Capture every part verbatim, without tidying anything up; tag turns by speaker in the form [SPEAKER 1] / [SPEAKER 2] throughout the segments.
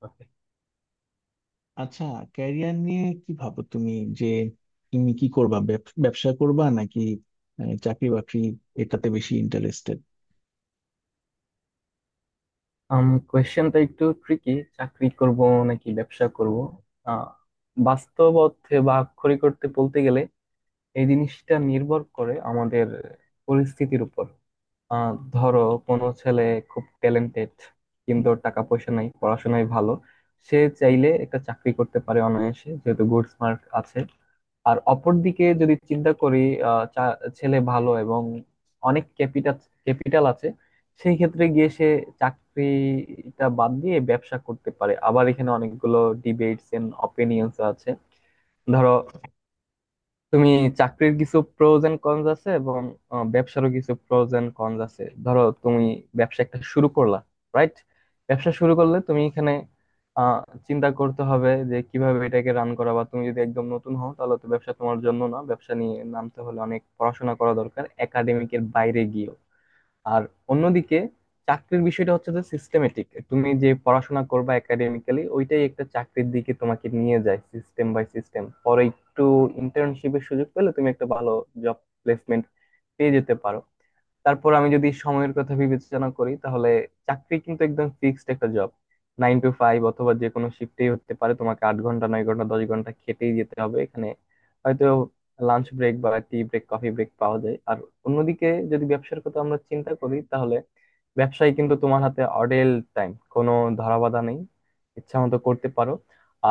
[SPEAKER 1] Okay.
[SPEAKER 2] আচ্ছা। Career নিয়ে কি ভাবো তুমি, যে তুমি কি করবা, ব্যব- ব্যবসা করবা নাকি আহ, চাকরি বাকরি, এটাতে বেশি ইন্টারেস্টেড?
[SPEAKER 1] আম কোয়েশ্চেনটা একটু ট্রিকি, চাকরি করব নাকি ব্যবসা করব? আহ বাস্তব অর্থে বা আক্ষরিক অর্থে বলতে গেলে এই জিনিসটা নির্ভর করে আমাদের পরিস্থিতির উপর। আহ ধরো, কোনো ছেলে খুব ট্যালেন্টেড, কিন্তু
[SPEAKER 2] হুম।
[SPEAKER 1] ওর টাকা পয়সা নাই, পড়াশোনায় ভালো। সে চাইলে একটা চাকরি করতে পারে অনায়াসে, যেহেতু গুড মার্ক আছে। আর অপরদিকে যদি চিন্তা করি, আহ, চা- ছেলে ভালো এবং অনেক ক্যাপিটাল ক্যাপিটাল আছে, সেই ক্ষেত্রে গিয়ে সে চাকরিটা বাদ দিয়ে ব্যবসা করতে পারে। আবার এখানে অনেকগুলো ডিবেটস এন্ড অপিনিয়ন্স আছে। ধরো তুমি, চাকরির কিছু প্রোজ এন্ড কনস আছে এবং আহ, ব্যবসারও কিছু প্রোজ এন্ড কনস আছে। ধরো তুমি ব্যবসা একটা শুরু করলা, রাইট? ব্যবসা শুরু করলে তুমি এখানে আহ, চিন্তা করতে হবে যে কিভাবে এটাকে রান করা। বা তুমি যদি একদম নতুন হও, তাহলে তো ব্যবসা তোমার জন্য না। ব্যবসা নিয়ে নামতে হলে অনেক পড়াশোনা করা দরকার একাডেমিকের বাইরে গিয়ে। আর অন্যদিকে চাকরির বিষয়টা হচ্ছে যে সিস্টেমেটিক। তুমি যে পড়াশোনা করবা একাডেমিক্যালি, ওইটাই একটা চাকরির দিকে তোমাকে নিয়ে যায় সিস্টেম বাই সিস্টেম। পরে একটু ইন্টার্নশিপের সুযোগ পেলে তুমি একটা ভালো জব প্লেসমেন্ট পেয়ে যেতে পারো। তারপর আমি যদি সময়ের কথা বিবেচনা করি, তাহলে চাকরি কিন্তু একদম ফিক্সড একটা জব। নাইন টু ফাইভ অথবা যে কোনো শিফটেই হতে পারে, তোমাকে আট ঘন্টা নয় ঘন্টা দশ ঘন্টা খেটেই যেতে হবে। এখানে হয়তো লাঞ্চ ব্রেক বা টি ব্রেক, কফি ব্রেক পাওয়া যায়। আর অন্যদিকে যদি ব্যবসার কথা আমরা চিন্তা করি, তাহলে ব্যবসায় কিন্তু তোমার হাতে অডেল টাইম, কোনো ধরা বাধা নেই, ইচ্ছা মতো করতে পারো।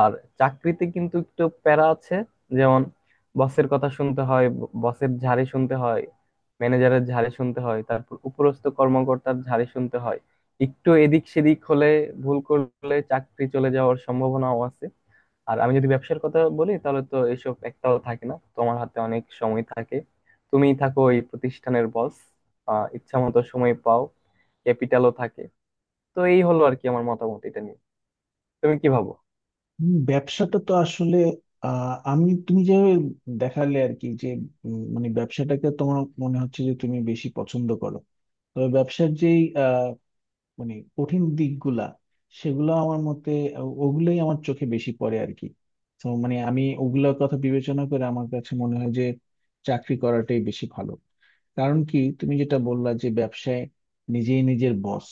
[SPEAKER 1] আর চাকরিতে কিন্তু একটু প্যারা আছে। যেমন বসের কথা শুনতে হয়, ব- বসের ঝাড়ি শুনতে হয়, ম্যানেজারের ঝাড়ি শুনতে হয়, তারপর উপরস্থ কর্মকর্তার ঝাড়ি শুনতে হয়। একটু এদিক সেদিক হলে, ভুল করলে চাকরি চলে যাওয়ার সম্ভাবনাও আছে। আর আমি যদি ব্যবসার কথা বলি, তাহলে তো এসব একটাও থাকে না, তোমার হাতে অনেক সময় থাকে, তুমি থাকো এই প্রতিষ্ঠানের বস। আহ ইচ্ছা মতো সময় পাও, ক্যাপিটালও থাকে। তো এই হলো আর কি আমার মতামত এটা নিয়ে। তুমি কি ভাবো?
[SPEAKER 2] ব্যবসাটা তো আসলে, আহ, আমি তুমি যে দেখালে আর কি, যে উম, মানে ব্যবসাটাকে তোমার মনে হচ্ছে যে তুমি বেশি পছন্দ করো। তবে ব্যবসার যেই মানে কঠিন দিকগুলা, সেগুলো আমার মতে ও- ওগুলোই আমার চোখে বেশি পড়ে আর কি। তো মানে আমি ওগুলোর কথা বিবেচনা করে আমার কাছে মনে হয় যে চাকরি করাটাই বেশি ভালো। কারণ কি, তুমি যেটা বললা যে ব্যবসায় নিজেই নিজের বস,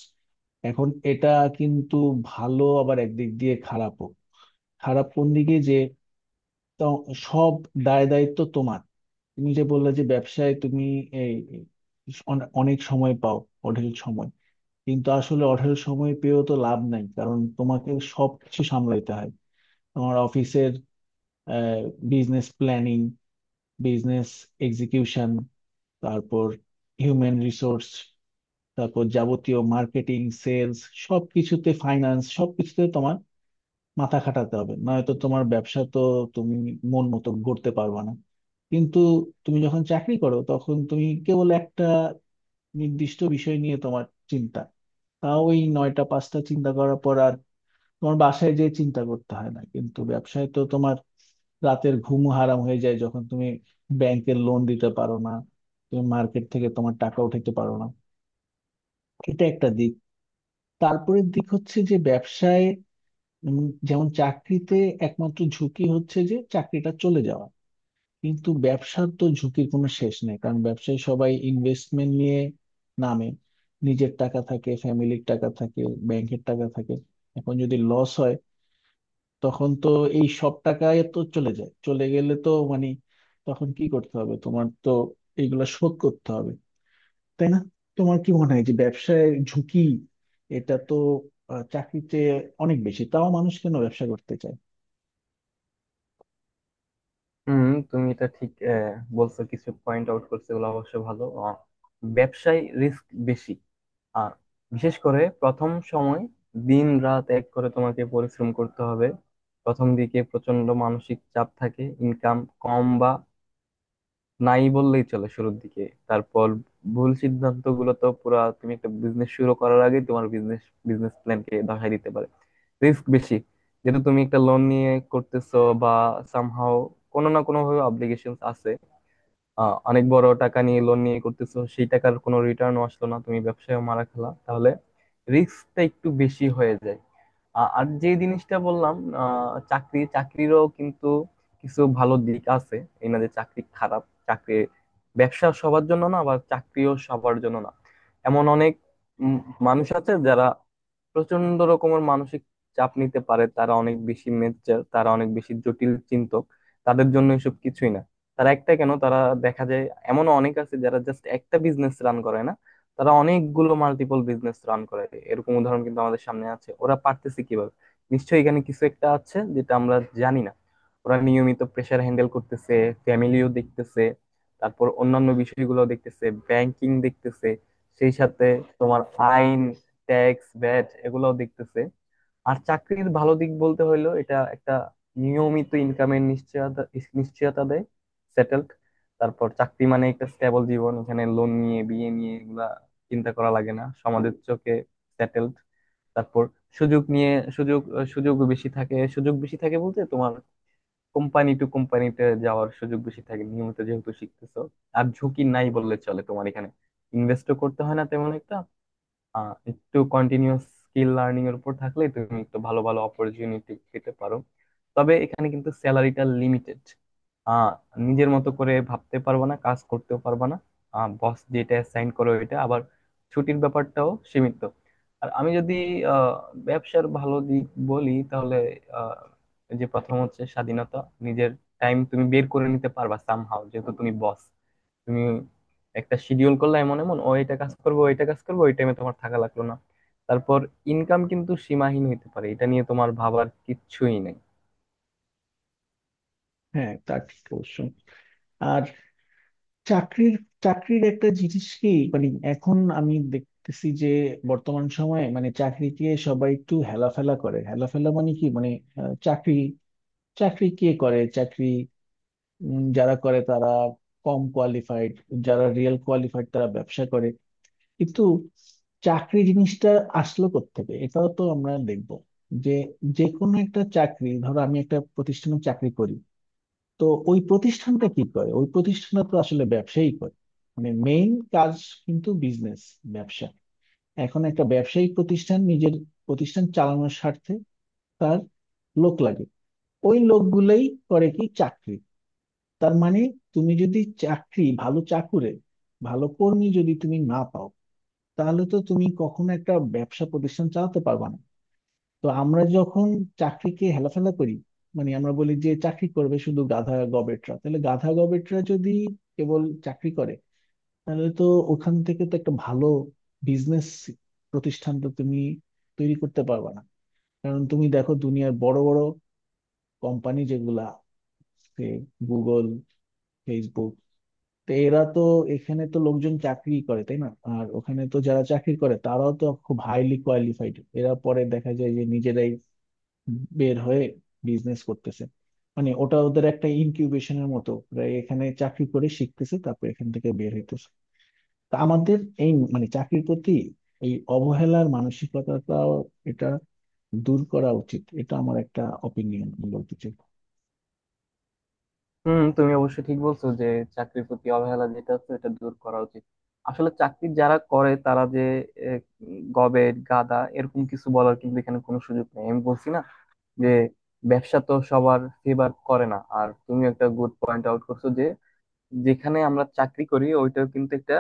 [SPEAKER 2] এখন এটা কিন্তু ভালো, আবার একদিক দিয়ে খারাপও। খারাপ কোন দিকে যে, তো সব দায় দায়িত্ব তোমার। তুমি যে বললা যে ব্যবসায় তুমি এই অনে- অনেক সময় পাও, অঢেল সময়। কিন্তু আসলে অঢেল সময় পেয়েও তো লাভ নাই, কারণ তোমাকে সবকিছু সামলাইতে হয়। তোমার অফিসের বিজনেস প্ল্যানিং, বিজনেস এক্সিকিউশন, তারপর হিউম্যান রিসোর্স, তারপর যাবতীয় মার্কেটিং, সেলস, সবকিছুতে ফাইন্যান্স, সবকিছুতে তোমার মাথা খাটাতে হবে, নয়তো তোমার ব্যবসা তো তুমি মন মতো গড়তে পারবে না। কিন্তু তুমি যখন চাকরি করো, তখন তুমি কেবল একটা নির্দিষ্ট বিষয় নিয়ে তোমার চিন্তা। তাও ওই নয়টা পাঁচটা চিন্তা করার পর তোমার বাসায় যে চিন্তা করতে হয় না। কিন্তু ব্যবসায় তো তোমার রাতের ঘুম হারাম হয়ে যায়, যখন তুমি ব্যাংকের লোন দিতে পারো না, তুমি মার্কেট থেকে তোমার টাকা উঠাতে পারো না। এটা একটা দিক। তারপরের দিক হচ্ছে যে ব্যবসায় উম, যেমন চাকরিতে একমাত্র ঝুঁকি হচ্ছে যে চাকরিটা চলে যাওয়া, কিন্তু ব্যবসার তো ঝুঁকির কোনো শেষ নেই। কারণ ব্যবসায় সবাই ইনভেস্টমেন্ট নিয়ে নামে, নিজের টাকা থাকে, ফ্যামিলির টাকা থাকে, ব্যাংকের টাকা থাকে। এখন যদি লস হয়, তখন তো এই সব টাকা তো চলে যায়। চলে গেলে তো মানে তখন কি করতে হবে, তোমার তো এগুলা শোধ করতে হবে, তাই না? তোমার কি মনে হয় যে ব্যবসায় ঝুঁকি এটা তো আহ, চাকরির চেয়ে অনেক বেশি, তাও মানুষ কেন ব্যবসা করতে চায়?
[SPEAKER 1] হুম, তুমি এটা ঠিক আহ, বলছো, কিছু পয়েন্ট আউট করছো, এগুলো অবশ্য ভালো। আহ, ব্যবসায় রিস্ক বেশি। আর বিশেষ করে প্রথম সময় দিন রাত এক করে তোমাকে পরিশ্রম করতে হবে। প্রথম দিকে প্রচন্ড মানসিক চাপ থাকে, ইনকাম কম বা নাই বললেই চলে শুরুর দিকে। তারপর ভুল সিদ্ধান্ত গুলো তো পুরা তুমি একটা বিজনেস শুরু করার আগে তোমার বিজনেস বিজনেস প্ল্যানকে ধসাই দিতে পারে। রিস্ক বেশি, যেহেতু তুমি একটা লোন নিয়ে করতেছো, বা সামহাও কোনো না কোনো ভাবে অব্লিগেশন আছে। আহ অনেক বড় টাকা নিয়ে, লোন নিয়ে করতেছো, সেই টাকার কোনো রিটার্নও আসলো না, তুমি ব্যবসায় মারা খেলা, তাহলে রিস্কটা একটু বেশি হয়ে যায়। আ- আর যে জিনিসটা বললাম, আহ, চাকরি চাকরিরও কিন্তু কিছু ভালো দিক আছে। এই না যে চাকরি খারাপ। চাকরি, ব্যবসা সবার জন্য না, আবার চাকরিও সবার জন্য না। এমন অনেক উম, মানুষ আছে যারা প্রচন্ড রকমের মানসিক চাপ নিতে পারে, তারা অনেক বেশি মেচ্চার, তারা অনেক বেশি জটিল চিন্তক, তাদের জন্য এসব কিছুই না। তারা একটা, কেন তারা দেখা যায়, এমনও অনেক আছে যারা জাস্ট একটা বিজনেস রান করে না, তারা অনেকগুলো মাল্টিপল বিজনেস রান করে। এরকম উদাহরণ কিন্তু আমাদের সামনে আছে। ওরা পারতেছে কিভাবে? নিশ্চয়ই এখানে কিছু একটা আছে যেটা আমরা জানি না। ওরা নিয়মিত প্রেসার হ্যান্ডেল করতেছে, ফ্যামিলিও দেখতেছে, তারপর অন্যান্য বিষয়গুলো দেখতেছে, ব্যাংকিং দেখতেছে, সেই সাথে তোমার আইন, ট্যাক্স, ভ্যাট এগুলোও দেখতেছে। আর চাকরির ভালো দিক বলতে হইলো এটা একটা নিয়মিত ইনকামের নিশ্চয়তা নিশ্চয়তা দেয়, সেটেলড। তারপর চাকরি মানে একটা স্টেবল জীবন, এখানে লোন নিয়ে, বিয়ে নিয়ে এগুলা চিন্তা করা লাগে না, সমাজের চোখে সেটেলড। তারপর সুযোগ নিয়ে, সুযোগ সুযোগ বেশি থাকে সুযোগ বেশি থাকে বলতে তোমার কোম্পানি টু কোম্পানিতে যাওয়ার সুযোগ বেশি থাকে, নিয়মিত যেহেতু শিখতেছো। আর ঝুঁকি নাই বললে চলে, তোমার এখানে ইনভেস্টও করতে হয় না তেমন একটা। আহ, একটু কন্টিনিউয়াস স্কিল লার্নিং এর উপর থাকলে তুমি একটু ভালো ভালো অপরচুনিটি পেতে পারো। তবে এখানে কিন্তু স্যালারিটা লিমিটেড। আহ নিজের মতো করে ভাবতে পারবা না, কাজ করতেও পারবা না, বস যেটা সাইন করো এটা আবার। ছুটির ব্যাপারটাও সীমিত। আর আমি যদি আহ ব্যবসার ভালো দিক বলি, তাহলে আহ যে প্রথম হচ্ছে স্বাধীনতা। নিজের টাইম তুমি বের করে নিতে পারবা সামহাও, যেহেতু তুমি বস। তুমি একটা শিডিউল করলা, এমন এমন ও, এটা কাজ করবে ওইটা কাজ করবে, ওই টাইমে তোমার থাকা লাগলো না। তারপর ইনকাম কিন্তু সীমাহীন হতে পারে, এটা নিয়ে তোমার ভাবার কিচ্ছুই নেই।
[SPEAKER 2] হ্যাঁ, তা ঠিক অবশ্যই। আর চাকরির চাকরির একটা জিনিস কি, মানে এখন আমি দেখতেছি যে বর্তমান সময়ে মানে চাকরিকে সবাই একটু হেলাফেলা করে। হেলাফেলা মানে কি, মানে আহ, চাকরি চাকরি কে করে? চাকরি উম, যারা করে তারা কম কোয়ালিফাইড, যারা রিয়েল কোয়ালিফাইড তারা ব্যবসা করে। কিন্তু চাকরি জিনিসটা আসলো কোত্থেকে, এটাও তো আমরা দেখব। যে যে কোনো একটা চাকরি, ধরো আমি একটা প্রতিষ্ঠানে চাকরি করি, তো ওই প্রতিষ্ঠানটা কি করে? ওই প্রতিষ্ঠানটা তো আসলে ব্যবসায়ী করে, মানে মেইন কাজ কিন্তু বিজনেস, ব্যবসা। এখন একটা ব্যবসায়িক প্রতিষ্ঠান নিজের প্রতিষ্ঠান চালানোর স্বার্থে তার লোক লাগে। ওই লোকগুলোই করে কি? চাকরি। তার মানে তুমি যদি চাকরি ভালো চাকুরে, ভালো কর্মী যদি তুমি না পাও, তাহলে তো তুমি কখনো একটা ব্যবসা প্রতিষ্ঠান চালাতে পারবে না। তো আমরা যখন চাকরিকে হেলাফেলা করি, মানে আমরা বলি যে চাকরি করবে শুধু গাধা গবেটরা, তাহলে গাধা গবেটরা যদি কেবল চাকরি করে, তাহলে তো ওখান থেকে তো একটা ভালো বিজনেস প্রতিষ্ঠান তো তুমি তৈরি করতে পারবে না। কারণ তুমি দেখো দুনিয়ার বড় বড় কোম্পানি, যেগুলা গুগল, ফেসবুক, তো এরা তো, এখানে তো লোকজন চাকরি করে, তাই না? আর ওখানে তো যারা চাকরি করে তারাও তো খুব হাইলি কোয়ালিফাইড। এরা পরে দেখা যায় যে নিজেরাই বের হয়ে বিজনেস করতেছে। মানে ওটা ওদের একটা ইনকিউবেশনের মতো, ওরা এখানে চাকরি করে শিখতেছে, তারপর এখান থেকে বের হইতেছে। তা আমাদের এই মানে চাকরির প্রতি এই অবহেলার মানসিকতাটাও, এটা দূর করা উচিত। এটা আমার একটা অপিনিয়ন বলতে চাই।
[SPEAKER 1] হুম, তুমি অবশ্য ঠিক বলছো যে চাকরির প্রতি অবহেলা যেটা আছে এটা দূর করা উচিত। আসলে চাকরি যারা করে তারা যে আহ, গবের গাদা, এরকম কিছু বলার কিন্তু এখানে কোনো সুযোগ নেই। আমি বলছি না যে ব্যবসা তো সবার ফেভার করে না। আর তুমি একটা গুড পয়েন্ট আউট করছো যে যেখানে আমরা চাকরি করি ওইটাও কিন্তু একটা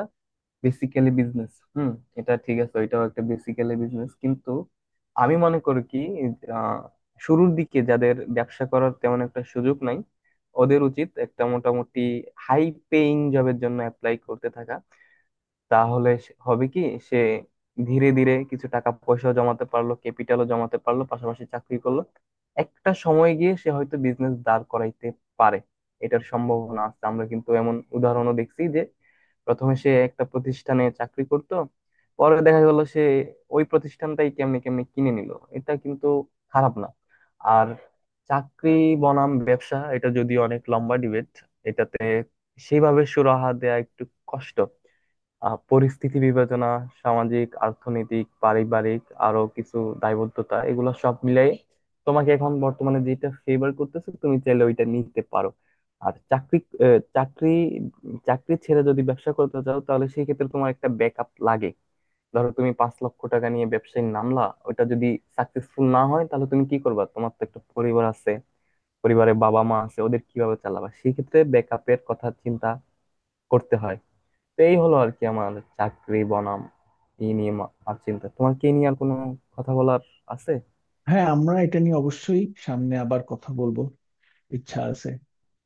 [SPEAKER 1] বেসিক্যালি বিজনেস। হুম, এটা ঠিক আছে, ওইটাও একটা বেসিক্যালি বিজনেস। কিন্তু আমি মনে করি কি, আহ, শুরুর দিকে যাদের ব্যবসা করার তেমন একটা সুযোগ নাই, ওদের উচিত একটা মোটামুটি হাই পেইং জবের জন্য অ্যাপ্লাই করতে থাকা। তাহলে সে- হবে কি, সে ধীরে ধীরে কিছু টাকা পয়সা জমাতে পারলো, ক্যাপিটালও জমাতে পারলো, পাশাপাশি চাকরি করলো। একটা সময় গিয়ে সে হয়তো বিজনেস দাঁড় করাইতে পারে। এটার সম্ভাবনা আছে, আমরা কিন্তু এমন উদাহরণও দেখছি। প্রথমে সে একটা প্রতিষ্ঠানে চাকরি করত, পরে দেখা গেল সে ওই প্রতিষ্ঠানটাই কেমনে কেমনে কিনে নিল। এটা কিন্তু খারাপ না। আর চাকরি বনাম ব্যবসা, এটা যদি অনেক লম্বা ডিবেট, এটাতে সেইভাবে সুরাহা দেয়া একটু কষ্ট। আহ, পরিস্থিতি বিবেচনা, সামাজিক, অর্থনৈতিক, পারিবারিক, আরো কিছু দায়বদ্ধতা এগুলো সব মিলাই তোমাকে এখন বর্তমানে যেটা ফেভার করতেছে, তুমি চাইলে ওইটা নিতে পারো। আর চাকরি আহ, চাকরি চাকরি ছেড়ে যদি ব্যবসা করতে চাও, তাহলে সেই ক্ষেত্রে তোমার একটা ব্যাকআপ লাগে। ধরো তুমি পাঁচ লক্ষ টাকা নিয়ে ব্যবসায় নামলা, ওটা যদি সাকসেসফুল না হয়, তাহলে তুমি কি করবা? তোমার তো একটা পরিবার আছে, পরিবারে বাবা মা আছে, ওদের কিভাবে চালাবা? সেই ক্ষেত্রে ব্যাকআপের কথা চিন্তা করতে হয়। তো এই হলো আর কি আমার চাকরি বনাম ই নিয়ে মা- আর চিন্তা। তোমার কি নিয়ে আর কোনো কথা বলার আছে?
[SPEAKER 2] হ্যাঁ, আমরা এটা নিয়ে অবশ্যই সামনে আবার কথা বলবো, ইচ্ছা আছে।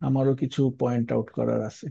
[SPEAKER 2] আমারও কিছু পয়েন্ট আউট করার আছে।